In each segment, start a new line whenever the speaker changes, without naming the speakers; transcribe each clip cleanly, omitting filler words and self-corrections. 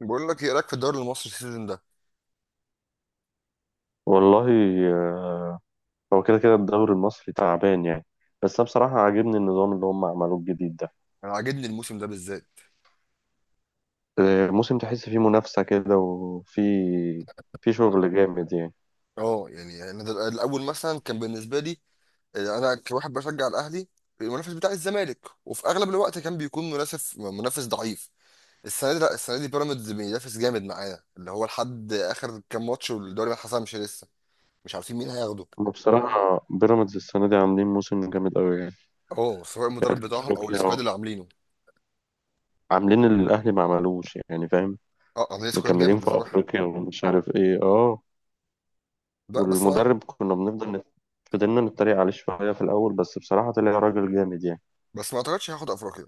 بقول لك ايه رايك في الدوري المصري السيزون ده.
والله، آه، هو كده كده الدوري المصري تعبان يعني. بس انا بصراحة عاجبني النظام اللي هم عملوه الجديد ده.
انا عاجبني الموسم ده بالذات.
موسم تحس فيه منافسة كده وفي شغل جامد يعني.
اه يعني انا الاول مثلا كان بالنسبه لي، انا كواحد بشجع الاهلي، المنافس بتاع الزمالك. وفي اغلب الوقت كان بيكون منافس ضعيف. السنه دي، لا السنه دي بيراميدز بينافس جامد معانا، اللي هو لحد اخر كام ماتش والدوري ما اتحسمش لسه. مش عارفين مين هياخده.
وبصراحة بيراميدز السنة دي عاملين موسم جامد قوي يعني.
اه سواء المدرب
يعني
بتاعهم
في
او السكواد
أفريقيا
اللي عاملينه.
عاملين اللي الأهلي ما عملوش، يعني فاهم؟
اه عاملين سكواد
مكملين
جامد
في
بصراحه.
أفريقيا ومش عارف إيه. أه.
لا بس ما
والمدرب كنا بنفضل فضلنا نتريق عليه شوية في الأول، بس بصراحة طلع راجل جامد يعني.
بس ما اعتقدش هياخد افريقيا.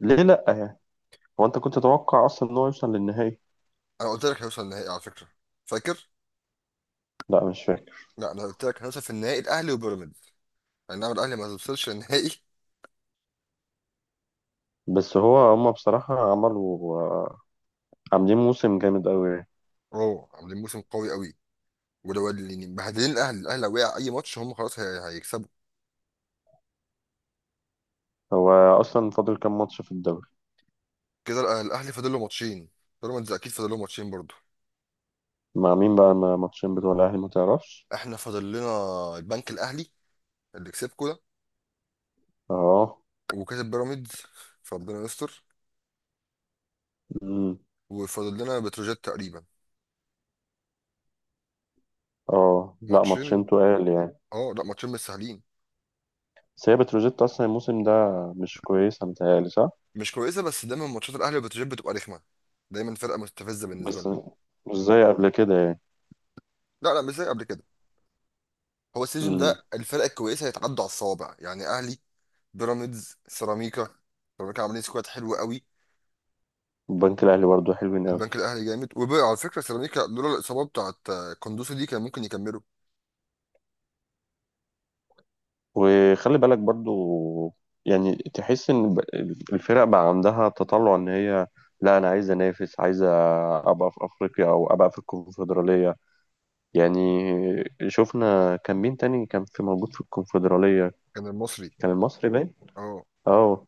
ليه لأ يعني؟ هو أنت كنت تتوقع أصلا إن هو يوصل للنهائي؟
انا قلت لك هيوصل النهائي على فكره. فاكر.
لا، مش فاكر.
لا انا قلت لك هدف النهائي الاهلي وبيراميدز، انما الاهلي ما توصلش النهائي.
بس هو هما بصراحة عملوا، عاملين موسم جامد أوي يعني.
اوه عاملين موسم قوي قوي. ولو اللي مبهدلين الاهلي لو وقع اي ماتش هم خلاص هيكسبوا.
هو أصلا فاضل كام ماتش في الدوري؟
كده الاهلي فاضل له ماتشين، بيراميدز اكيد فاضل له ماتشين برضه.
مع مين بقى ماتشين بتوع الأهلي، ما تعرفش؟
احنا فاضل لنا البنك الاهلي اللي كسبكوا ده،
اه.
وكسب بيراميدز، فربنا يستر.
أمم.
وفاضل لنا بتروجيت تقريبا.
اه لا،
ماتشين.
ماتشين تقال يعني.
اه لا ماتشين مش سهلين.
بس هي بتروجيت أصلا الموسم ده مش كويس، متهيألي صح؟
مش كويسه، بس دايما ماتشات الاهلي وبتروجيت بتبقى رخمه. دايما فرقه مستفزه بالنسبه
بس
لنا.
مش زي قبل كده يعني.
لا لا، مش زي قبل كده. هو السيزون
أمم.
ده الفرق الكويسه هيتعدوا على الصوابع. يعني اهلي، بيراميدز، سيراميكا. سيراميكا عاملين سكواد حلو قوي.
البنك الأهلي برضه حلوين أوي.
البنك الاهلي جامد. وبقى على فكره سيراميكا لولا الاصابه بتاعت كوندوسي دي كان ممكن يكملوا.
وخلي بالك برضو، يعني تحس ان الفرق بقى عندها تطلع ان هي لا، انا عايز انافس، عايز ابقى في افريقيا او ابقى في الكونفدراليه يعني. شفنا كان مين تاني كان في موجود في الكونفدراليه؟
كان المصري.
كان المصري باين.
اه
اه.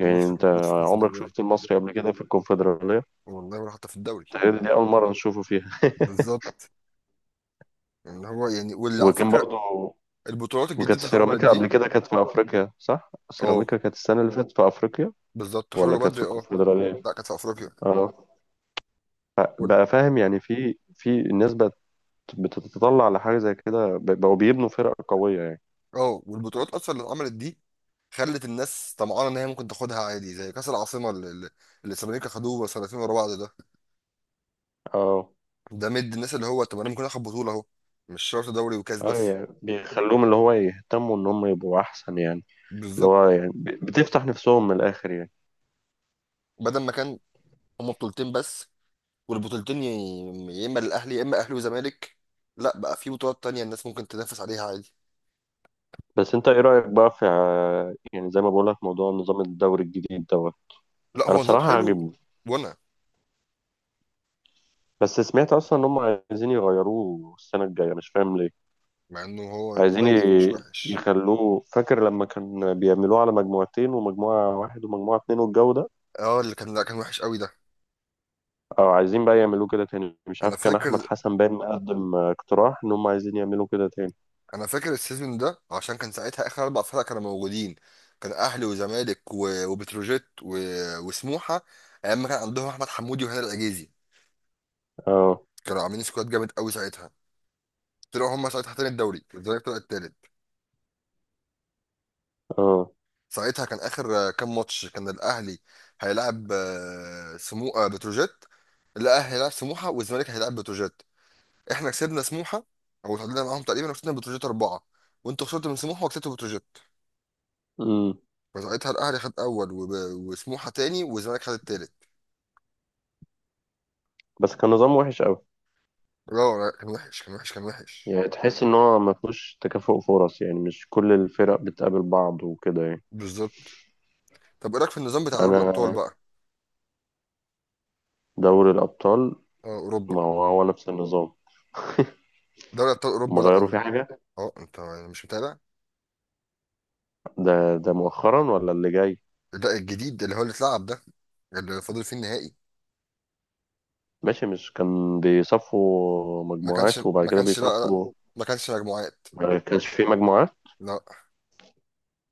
يعني
المصري
انت
كان موجود في
عمرك
الكونفدراليه.
شفت المصري قبل كده في الكونفدراليه؟
والله ولا حتى في الدوري.
تقريبا دي اول مره نشوفه فيها.
بالظبط. يعني هو يعني واللي على
وكان
فكره
برضو.
البطولات
وكانت
الجديده اللي اتعملت
سيراميكا قبل
دي.
كده كانت في افريقيا، صح؟
اه
سيراميكا كانت السنه اللي فاتت في افريقيا،
بالظبط،
ولا
خرجوا
كانت في
بدري. اه
الكونفدراليه؟
لا كانت في افريقيا.
اه.
وال-
بقى فاهم؟ يعني في الناس بقت بتتطلع لحاجة زي كده، بقوا بيبنوا فرق قوية يعني.
اه والبطولات اصلا اللي اتعملت دي خلت الناس طمعانه ان هي ممكن تاخدها عادي، زي كاس العاصمه اللي اللي السيراميكا خدوه سنتين ورا بعض ده.
اه
ده مد الناس اللي هو طب انا ممكن اخد بطوله اهو، مش شرط دوري وكاس
اه،
بس.
يعني بيخلوهم اللي هو يهتموا ان هم يبقوا احسن يعني. اللي
بالظبط.
هو يعني بتفتح نفسهم من الاخر يعني.
بدل ما كان هما بطولتين بس، والبطولتين يا اما للاهلي يا اما اهلي وزمالك. لا بقى في بطولات تانية الناس ممكن تنافس عليها عادي.
بس انت ايه رأيك بقى في يعني زي ما بقول لك موضوع نظام الدوري الجديد دوت؟
لا
انا
هو نظام
بصراحة
حلو.
عاجبني.
وانا
بس سمعت اصلا ان هم عايزين يغيروه السنة الجاية، مش فاهم ليه.
مع انه هو
عايزين
كويس مش وحش.
يخلوه، فاكر لما كان بيعملوه على مجموعتين ومجموعة واحد ومجموعة اتنين والجو ده؟
اه اللي كان، لا كان وحش قوي ده.
أو عايزين بقى يعملوه كده تاني. مش
انا
عارف، كان
فاكر،
أحمد حسن باين قدم اقتراح إن هم عايزين يعملوا كده تاني.
انا فاكر السيزون ده، عشان كان ساعتها اخر اربع فرق كانوا موجودين. كان اهلي وزمالك وبتروجيت وسموحه. ايام ما كان عندهم احمد حمودي وهنا العجيزي،
أه
كانوا عاملين سكواد جامد قوي ساعتها. طلعوا هم ساعتها تاني الدوري الزمالك طلع التالت.
أه.
ساعتها كان اخر كام ماتش كان الاهلي هيلاعب آه، سمو آه، بتروجيت. الاهلي هيلاعب سموحه والزمالك هيلاعب بتروجيت. احنا كسبنا سموحه او تعادلنا معاهم تقريبا، وكسبنا بتروجيت اربعه. وانتوا خسرتوا من سموحه وكسبتوا بتروجيت.
أمم.
فساعتها الاهلي خد اول وسموحه تاني والزمالك خد التالت.
بس كان نظام وحش أوي.
لا لا، كان وحش كان وحش كان وحش.
يعني تحس إن هو ما فيهوش تكافؤ فرص، يعني مش كل الفرق بتقابل بعض وكده يعني.
بالظبط. طب ايه رايك في النظام بتاع دوري الابطال
أنا
بقى.
دوري الأبطال
اه اوروبا.
ما هو هو نفس النظام.
دوري ابطال
هم
اوروبا، لا
غيروا فيه حاجة؟
اه انت يعني مش متابع.
ده مؤخرا ولا اللي جاي؟
لا الجديد اللي هو اللي اتلعب ده، اللي فاضل فيه النهائي.
ماشي، مش كان بيصفوا
ما كانش
مجموعات وبعد
ما
كده
كانش لا لا،
بيصفوا؟
ما كانش مجموعات.
ما كانش فيه مجموعات.
لا.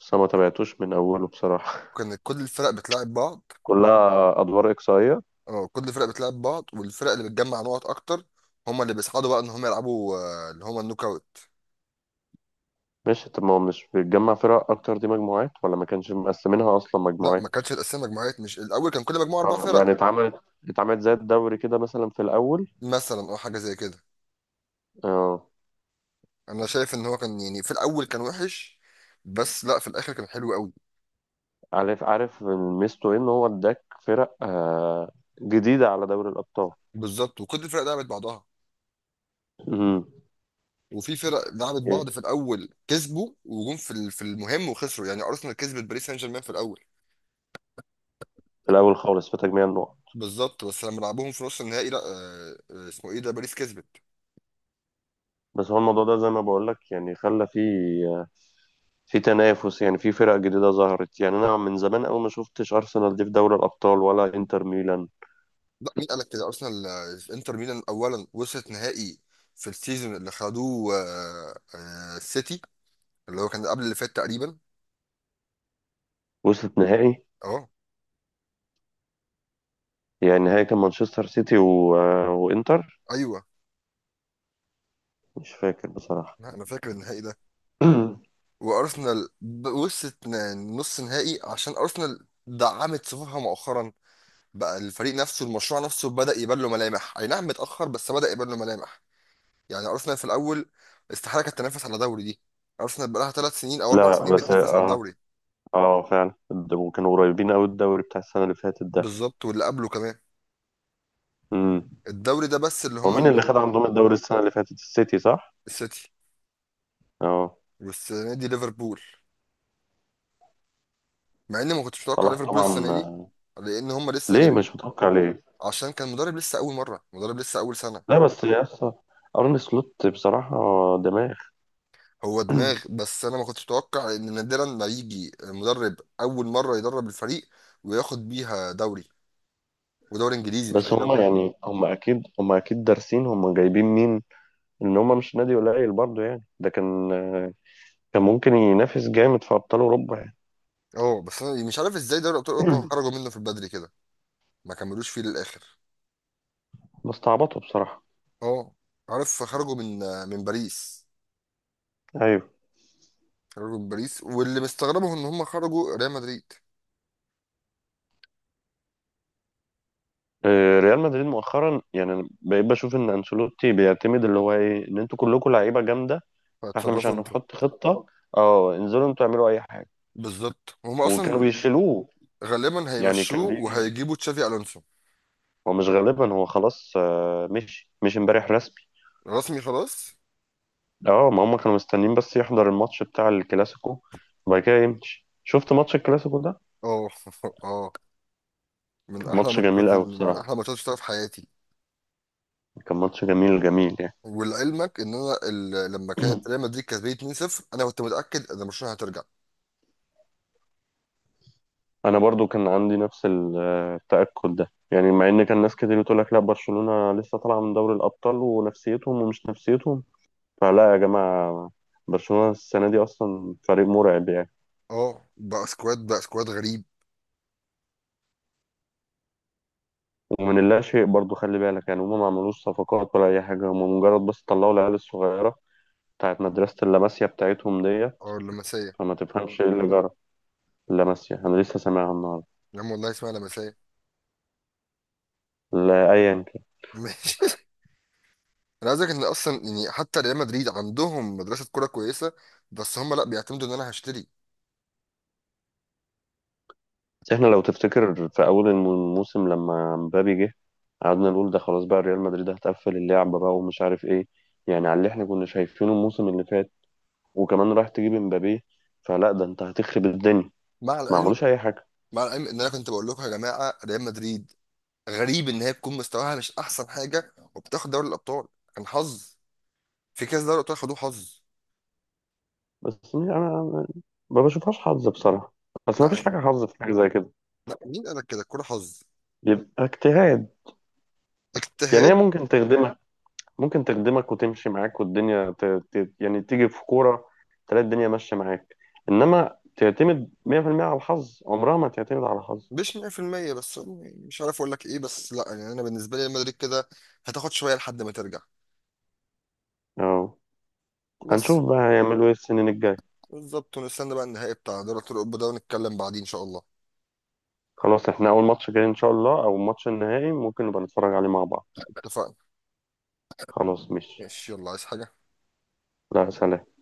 بس أنا ما تابعتوش من أوله بصراحة.
كان كل الفرق بتلعب بعض.
كلها أدوار إقصائية.
اه كل الفرق بتلعب بعض، والفرق اللي بتجمع نقط اكتر هما اللي بيصعدوا، بقى ان هم يلعبوا اللي هما النوك اوت.
ماشي، طب ما هو مش بتجمع فرق اكتر دي مجموعات، ولا ما كانش مقسمينها اصلا
لا ما
مجموعات؟
كانتش الاسامي مجموعات، مش الاول كان كل مجموعه اربع
اه،
فرق.
يعني اتعملت زي الدوري كده مثلا في الاول.
مثلا او حاجه زي كده.
اه،
انا شايف ان هو كان يعني في الاول كان وحش، بس لا في الاخر كان حلو قوي.
عارف عارف. ميزته إيه؟ ان هو اداك فرق جديده على دوري الابطال.
بالظبط، وكل الفرق لعبت بعضها.
امم.
وفي فرق لعبت
إيه؟
بعض في الاول كسبوا وجم في في المهم وخسروا. يعني ارسنال كسبت باريس سان جيرمان في الاول.
في الاول خالص في تجميع النقط.
بالظبط، بس لما لعبوهم في نص النهائي لا اسمه ايه ده باريس كسبت.
بس هو الموضوع ده زي ما بقول لك، يعني خلى في تنافس، يعني في فرق جديده ظهرت، يعني انا من زمان قوي ما شفتش ارسنال دي في دوري الابطال ولا انتر ميلان.
لا مين قال لك كده، ارسنال انتر ميلان اولا وصلت نهائي، في السيزون اللي خدوه السيتي، اللي هو كان قبل اللي فات تقريبا.
وصلت نهائي.
اه
يعني نهائي كان مانشستر سيتي و... آه، وانتر.
ايوه.
مش فاكر بصراحة.
لا، انا فاكر النهائي ده. وارسنال وصلت نص نهائي، عشان ارسنال دعمت صفوفها مؤخرا. بقى الفريق نفسه المشروع نفسه بدأ يبان له ملامح، اي نعم متأخر بس بدأ يبان له ملامح. يعني ارسنال في الاول استحاله كانت تنافس على دوري دي. ارسنال بقى لها 3 سنين او اربع
لا
سنين
بس
بتنافس على
اه.
الدوري.
اه فعلا، ده كانوا قريبين قوي الدوري بتاع السنة اللي فاتت ده.
بالظبط، واللي قبله كمان.
امم.
الدوري ده بس اللي
هو
هم
مين اللي خد عندهم الدوري السنة اللي فاتت، السيتي صح؟
السيتي.
اه.
والسنه دي ليفربول. مع اني ما كنتش متوقع
صلاح
ليفربول
طبعا.
السنه دي. لان هم لسه
ليه
جايبين،
مش متوقع ليه؟
عشان كان مدرب لسه اول مره، مدرب لسه اول سنه.
لا بس يا اسطى، ارن سلوت بصراحة دماغ.
هو دماغ، بس انا ما كنتش اتوقع ان نادرا ما يجي مدرب اول مره يدرب الفريق وياخد بيها دوري، ودوري انجليزي مش
بس
اي دوري.
هم يعني هم اكيد دارسين هم جايبين مين، ان هم مش نادي قليل برضه يعني. ده كان ممكن ينافس جامد في ابطال اوروبا يعني.
اه بس انا مش عارف ازاي دوري ابطال اوروبا خرجوا منه في البدري كده، ما كملوش فيه للاخر.
بس تعبطوا بصراحة.
اه عارف، خرجوا من باريس.
ايوه.
خرجوا من باريس، واللي مستغربه ان هم خرجوا ريال مدريد.
ريال مدريد مؤخرا يعني أنا بقيت بشوف ان انشيلوتي بيعتمد اللي هو ايه ان انتوا كلكم لعيبه جامده، فاحنا مش
فاتصرفوا انتوا.
هنحط خطه، اه انزلوا انتوا اعملوا اي حاجه.
بالظبط. هم
وكانوا
اصلا
بيشيلوه.
غالبا
يعني
هيمشوه
كان بيجي،
وهيجيبوا تشافي الونسو.
هو مش غالبا، هو خلاص مشي، مش امبارح رسمي.
رسمي خلاص.
اه، ما هم كانوا مستنيين بس يحضر الماتش بتاع الكلاسيكو وبعد كده يمشي. شفت ماتش الكلاسيكو ده؟
اه اه. من
كان
احلى
ماتش جميل
ماتشات،
قوي
من
بصراحه.
احلى ماتشات شفتها في حياتي.
كان ماتش جميل جميل يعني.
ولعلمك ان انا لما كانت ريال مدريد كسبانه 2-0 انا كنت متاكد ان برشلونه هترجع.
انا برضو كان عندي نفس التأكد ده يعني، مع ان كان ناس كتير بتقول لك لا برشلونة لسه طالعة من دوري الأبطال ونفسيتهم ومش نفسيتهم. فلا يا جماعة، برشلونة السنة دي أصلا فريق مرعب يعني.
اه بقى سكواد غريب.
ومن اللا شيء برضو، خلي بالك يعني، هما ما عملوش صفقات ولا أي حاجة، هما مجرد بس طلعوا العيال الصغيرة بتاعت مدرسة اللاماسيا بتاعتهم دي.
اه لمسيه.
فما تفهمش إيه اللي جرى. اللاماسيا أنا لسه سامعها النهاردة.
يا عم والله اسمها لمسيه.
لا أيا.
ماشي. انا عايز أقولك ان اصلا يعني حتى ريال مدريد عندهم مدرسه كوره كويسه، بس هم لا بيعتمدوا ان انا هشتري.
احنا لو تفتكر في اول الموسم لما مبابي جه، قعدنا نقول ده خلاص بقى ريال مدريد هتقفل اللعبة بقى ومش عارف ايه، يعني على اللي احنا كنا شايفينه الموسم اللي فات، وكمان رايح تجيب مبابي، فلا، ده انت هتخرب الدنيا.
مع
ما
العلم،
عملوش اي حاجة.
مع العلم ان انا كنت بقول لكم يا جماعه ريال مدريد غريب ان هي تكون مستواها مش احسن حاجه وبتاخد دوري الابطال. كان حظ. في كاس دوري الابطال خدوه حظ.
بس أنا ما بشوفهاش حظ بصراحة. بس ما فيش
لا
حاجة حظ في حاجة زي كده،
لا، مين قال لك كده، الكوره حظ؟
يبقى اجتهاد. يعني هي
اجتهاد.
ممكن تخدمها، ممكن تخدمك وتمشي معاك، والدنيا يعني تيجي في كورة، تلاقي الدنيا ماشية معاك. إنما تعتمد 100% على الحظ، عمرها ما تعتمد على الحظ.
مش 100% بس، يعني مش عارف اقول لك ايه، بس لا يعني انا بالنسبه لي ريال مدريد كده هتاخد شويه لحد ما ترجع.
أه،
بس.
هنشوف بقى هيعملوا إيه السنين الجاية.
بالظبط. ونستنى بقى النهائي بتاع دوري ابطال اوروبا ده ونتكلم بعدين ان شاء الله.
خلاص، إحنا أول ماتش جاي إن شاء الله أو الماتش النهائي ممكن نبقى نتفرج عليه مع بعض.
اتفقنا.
خلاص مش.
ماشي يلا، عايز حاجه؟
لا، سلام.